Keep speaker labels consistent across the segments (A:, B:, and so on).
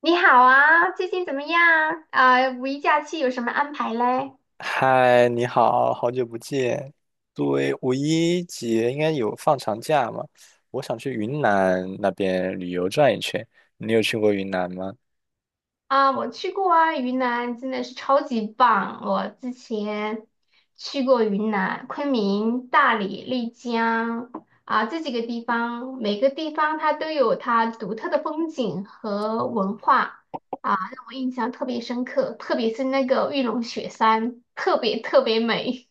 A: 你好啊，最近怎么样？五一假期有什么安排嘞？
B: 嗨，你好，好久不见。对，五一节应该有放长假嘛？我想去云南那边旅游转一圈。你有去过云南吗？
A: 啊，我去过啊，云南真的是超级棒。我之前去过云南昆明、大理、丽江啊，这几个地方，每个地方它都有它独特的风景和文化啊，让我印象特别深刻，特别是那个玉龙雪山，特别特别美。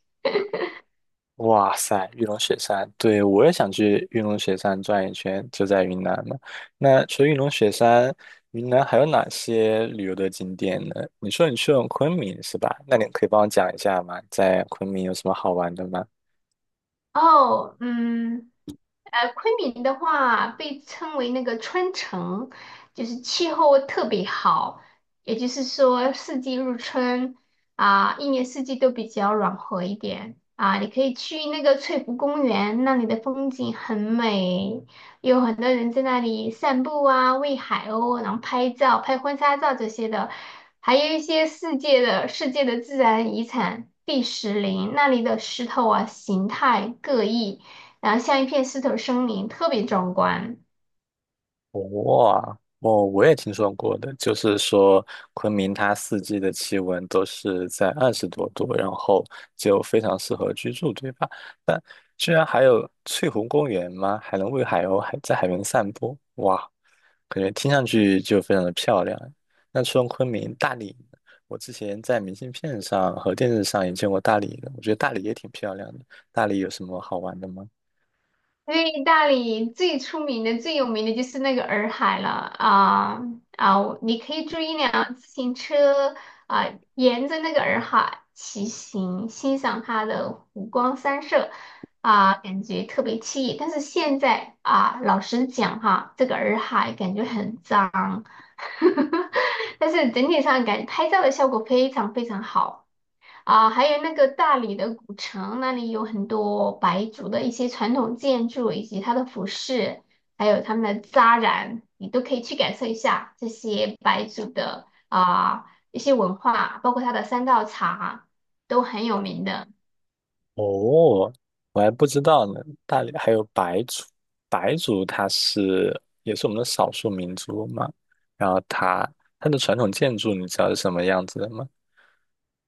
B: 哇塞，玉龙雪山，对，我也想去玉龙雪山转一圈，就在云南嘛。那除了玉龙雪山，云南还有哪些旅游的景点呢？你说你去了昆明是吧？那你可以帮我讲一下吗？在昆明有什么好玩的吗？
A: 哦，嗯，昆明的话被称为那个春城，就是气候特别好，也就是说四季如春啊，一年四季都比较暖和一点啊。你可以去那个翠湖公园，那里的风景很美，有很多人在那里散步啊、喂海鸥，然后拍照、拍婚纱照这些的，还有一些世界的自然遗产第石林，那里的石头啊形态各异，然后像一片石头森林，特别壮观。
B: 哇，哦，我也听说过的，就是说昆明它四季的气温都是在20多度，然后就非常适合居住，对吧？但居然还有翠湖公园吗？还能喂海鸥，还在海边散步，哇，感觉听上去就非常的漂亮。那除了昆明，大理，我之前在明信片上和电视上也见过大理的，我觉得大理也挺漂亮的。大理有什么好玩的吗？
A: 因为大理最出名的、最有名的就是那个洱海了啊啊！你可以租一辆自行车啊，沿着那个洱海骑行，欣赏它的湖光山色啊，感觉特别惬意。但是现在啊，老实讲哈，这个洱海感觉很脏，但是整体上拍照的效果非常非常好。啊，还有那个大理的古城，那里有很多白族的一些传统建筑，以及它的服饰，还有他们的扎染，你都可以去感受一下这些白族的一些文化，包括它的三道茶都很有名的。
B: 哦，我还不知道呢。大理还有白族，白族它是也是我们的少数民族嘛。然后它的传统建筑，你知道是什么样子的吗？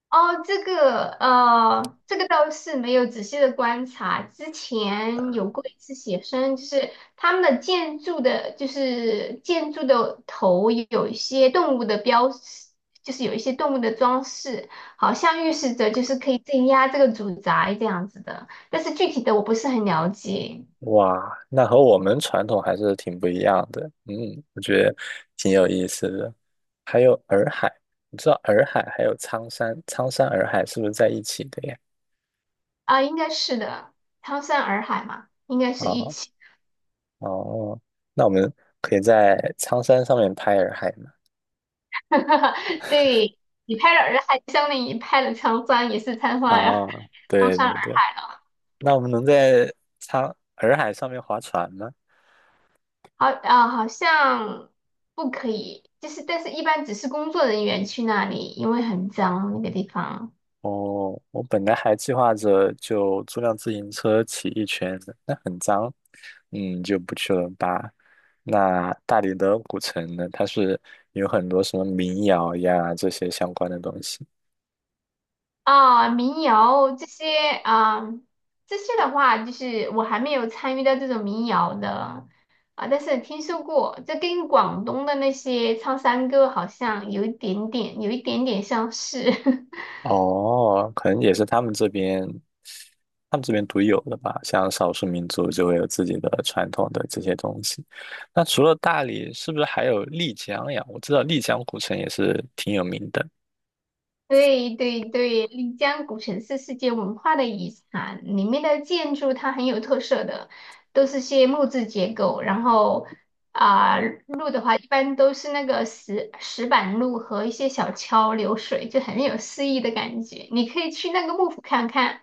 A: 哦，这个这个倒是没有仔细的观察。之前有过一次写生，就是他们的建筑的，就是建筑的头有一些动物的标识，就是有一些动物的装饰，好像预示着就是可以镇压这个主宅这样子的。但是具体的我不是很了解。
B: 哇，那和我们传统还是挺不一样的。嗯，我觉得挺有意思的。还有洱海，你知道洱海还有苍山，苍山洱海是不是在一起的呀？
A: 啊，应该是的，苍山洱海嘛，应该是一
B: 啊
A: 起。
B: 哦，那我们可以在苍山上面拍洱海吗？
A: 对，你拍了洱海，相当于你拍了苍山，也是苍山洱海。
B: 啊，
A: 苍
B: 对
A: 山
B: 对对。那我们能在苍洱海上面划船吗？
A: 好啊、好像不可以，就是但是一般只是工作人员去那里，因为很脏那个地方。
B: 哦，我本来还计划着就租辆自行车骑一圈的，那很脏，嗯，就不去了吧。那大理的古城呢，它是有很多什么民谣呀这些相关的东西。
A: 民谣这些啊、这些的话，就是我还没有参与到这种民谣的，但是听说过，这跟广东的那些唱山歌好像有一点点，有一点点相似。
B: 哦，可能也是他们这边，他们这边独有的吧。像少数民族就会有自己的传统的这些东西。那除了大理，是不是还有丽江呀？我知道丽江古城也是挺有名的。
A: 对对对，丽江古城是世界文化的遗产，里面的建筑它很有特色的，都是些木质结构，然后啊、路的话一般都是那个石板路和一些小桥流水，就很有诗意的感觉。你可以去那个幕府看看，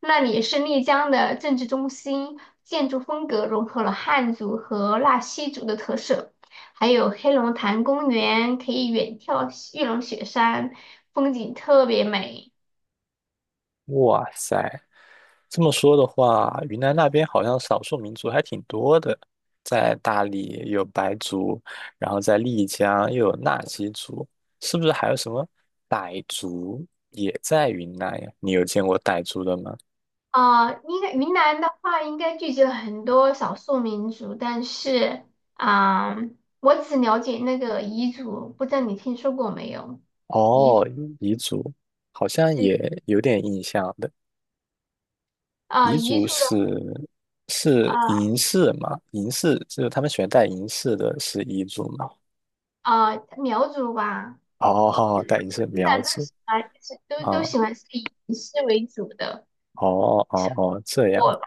A: 那里是丽江的政治中心，建筑风格融合了汉族和纳西族的特色。还有黑龙潭公园，可以远眺玉龙雪山，风景特别美。
B: 哇塞，这么说的话，云南那边好像少数民族还挺多的。在大理有白族，然后在丽江又有纳西族，是不是还有什么傣族也在云南呀？你有见过傣族的吗？
A: 应该云南的话，应该聚集了很多少数民族，但是，啊、我只了解那个彝族，不知道你听说过没有？彝
B: 哦，
A: 族，
B: 彝族好像
A: 对，
B: 也有点印象的。彝
A: 彝
B: 族
A: 族的，
B: 是是
A: 呃
B: 银饰嘛？银饰就是他们喜欢戴银饰的，是彝族嘛？
A: 苗族吧，
B: 哦，戴银饰
A: 现
B: 苗
A: 在都
B: 族
A: 喜欢，就是都
B: 啊，
A: 喜欢是以仪式为主的。
B: 哦哦哦，这样
A: 我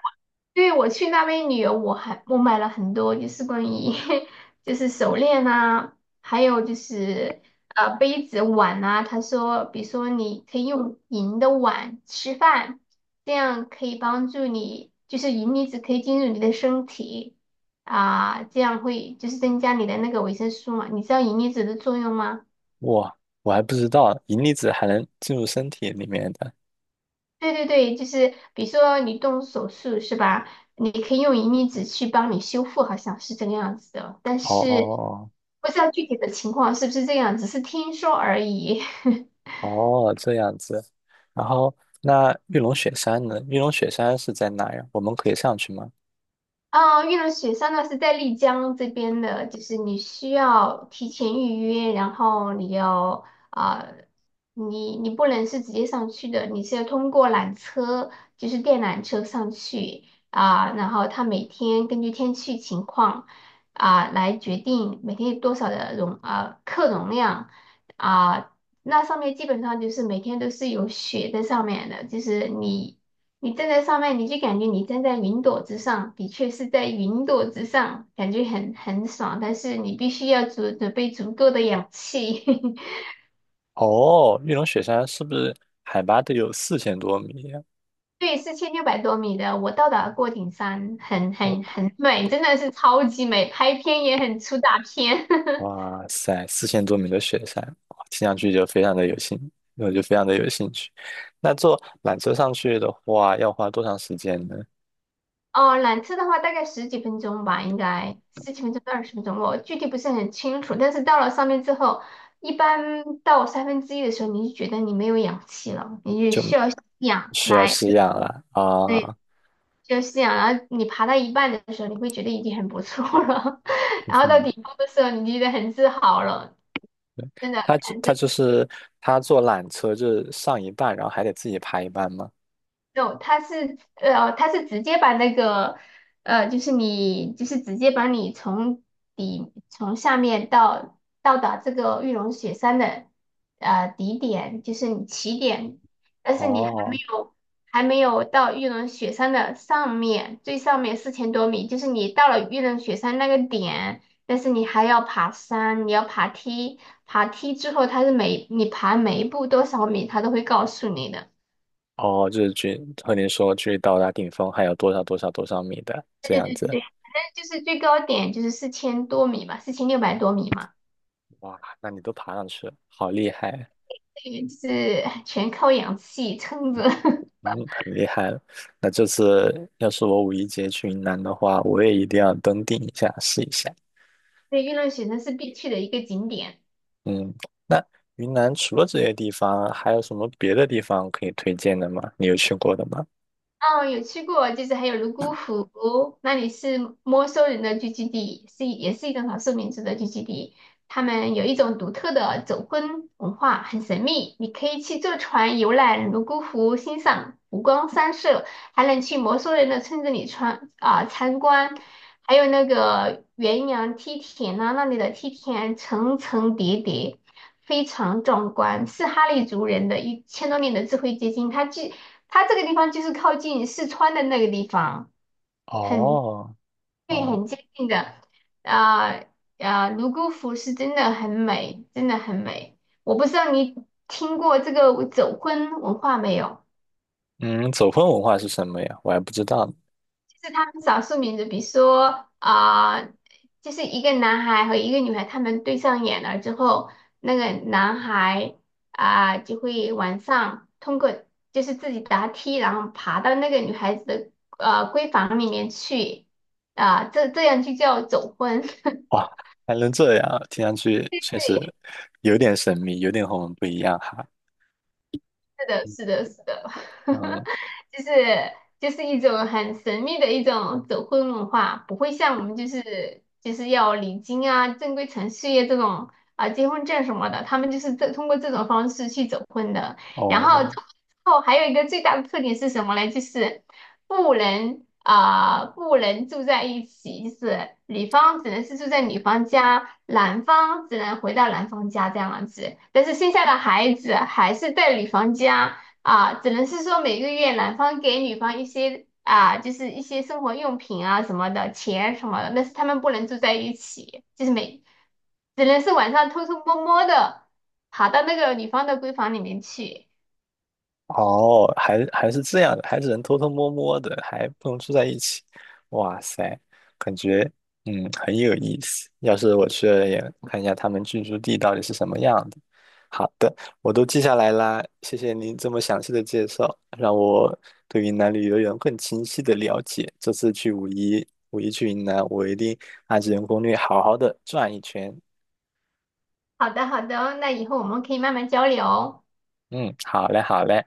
A: 对，我去那边旅游，我买了很多，就是关于 就是手链啊，还有就是杯子碗啊。他说，比如说你可以用银的碗吃饭，这样可以帮助你，就是银离子可以进入你的身体啊，这样会就是增加你的那个维生素嘛。你知道银离子的作用吗？
B: 哇，我还不知道银离子还能进入身体里面的。
A: 对对对，就是比如说你动手术是吧？你可以用银离子去帮你修复，好像是这个样子的。但
B: 哦
A: 是
B: 哦
A: 不知道具体的情况是不是这样，只是听说而已。
B: 哦，这样子。然后那玉龙雪山呢？玉龙雪山是在哪呀？我们可以上去吗？
A: 啊，玉龙雪山呢是在丽江这边的，就是你需要提前预约，然后你要你不能是直接上去的，你是要通过缆车，就是电缆车上去然后它每天根据天气情况来决定每天有多少的客容量啊、那上面基本上就是每天都是有雪在上面的，你站在上面，你就感觉你站在云朵之上，的确是在云朵之上，感觉很爽。但是你必须要准备足够的氧气。
B: 哦，玉龙雪山是不是海拔得有四千多米呀？
A: 对，4600多米的，我到达过顶山，很
B: 哦，
A: 很很美，真的是超级美，拍片也很出大片。
B: 哇塞，四千多米的雪山，哇听上去就非常的有兴，我就非常的有兴趣。那坐缆车上去的话，要花多长时间呢？
A: 哦，缆车的话大概十几分钟吧，应该十几分钟到20分钟，我具体不是很清楚。但是到了上面之后，一般到1/3的时候，你就觉得你没有氧气了，你就需要吸氧
B: 需要
A: 来。
B: 试样了啊，
A: 对，就是这样。然后你爬到一半的时候，你会觉得已经很不错了，
B: 嗯
A: 然后到
B: 哼，
A: 顶峰的时候，你就觉得很自豪了，
B: 对，
A: 真的。
B: 他只他就是他坐缆车就是上一半，然后还得自己爬一半吗？
A: no，它是直接把那个呃，就是你就是直接把你从从下面到达这个玉龙雪山的底点，就是你起点，但是你还没
B: 哦
A: 有到玉龙雪山的上面，最上面四千多米，就是你到了玉龙雪山那个点，但是你还要爬山，你要爬梯，爬梯之后，它是每你爬每一步多少米，它都会告诉你的。
B: 哦，就是距和您说距到达顶峰还有多少多少多少米的
A: 对
B: 这样
A: 对对
B: 子。
A: 对对就是最高点就是四千多米嘛，四千六百多米嘛，
B: 哇，那你都爬上去了，好厉害，
A: 对，就是全靠氧气撑着。
B: 嗯，很厉害了。那这次要是我五一节去云南的话，我也一定要登顶一下，试一下。
A: 对，月亮雪山是必去的一个景点。
B: 嗯，那云南除了这些地方，还有什么别的地方可以推荐的吗？你有去过的吗？
A: 哦，有去过，就是还有泸沽湖，那里是摩梭人的聚居地，是也是一种少数民族的聚居地。他们有一种独特的走婚文化，很神秘。你可以去坐船游览泸沽湖，欣赏湖光山色，还能去摩梭人的村子里参观，还有那个元阳梯田呢，那里的梯田层层叠叠。非常壮观，是哈利族人的1000多年的智慧结晶。它这个地方就是靠近四川的那个地方，很
B: 哦，
A: 对，
B: 哦，
A: 很接近的。啊、泸沽湖是真的很美，真的很美。我不知道你听过这个走婚文化没有？
B: 嗯，走婚文化是什么呀？我还不知道呢。
A: 是他们少数民族，比如说啊、呃就是一个男孩和一个女孩，他们对上眼了之后，那个男孩就会晚上通过就是自己答题，然后爬到那个女孩子的闺房里面去。这样就叫走婚。
B: 哇，还能这样啊，听上去确实有点神秘，有点和我们不一样哈。
A: 是的，是的，是的。
B: 嗯，
A: 就是就是一种很神秘的一种走婚文化，不会像我们就是要礼金啊、正规程序啊这种结婚证什么的，他们就是通过这种方式去走婚的。然后走婚
B: 哦，
A: 之后还有一个最大的特点是什么呢？就是不能不能住在一起，就是女方只能是住在女方家，男方只能回到男方家这样子。但是生下的孩子还是在女方家。啊，只能是说每个月男方给女方一些啊，就是一些生活用品啊什么的，钱什么的，但是他们不能住在一起，就是每只能是晚上偷偷摸摸的跑到那个女方的闺房里面去。
B: 哦，还是这样的，还只能偷偷摸摸的，还不能住在一起。哇塞，感觉嗯很有意思。要是我去了也看一下他们居住地到底是什么样的。好的，我都记下来啦，谢谢您这么详细的介绍，让我对云南旅游有更清晰的了解。这次去五一，五一去云南，我一定按照人攻略好好的转一圈。
A: 好的，好的，那以后我们可以慢慢交流哦。
B: 嗯，好嘞，好嘞。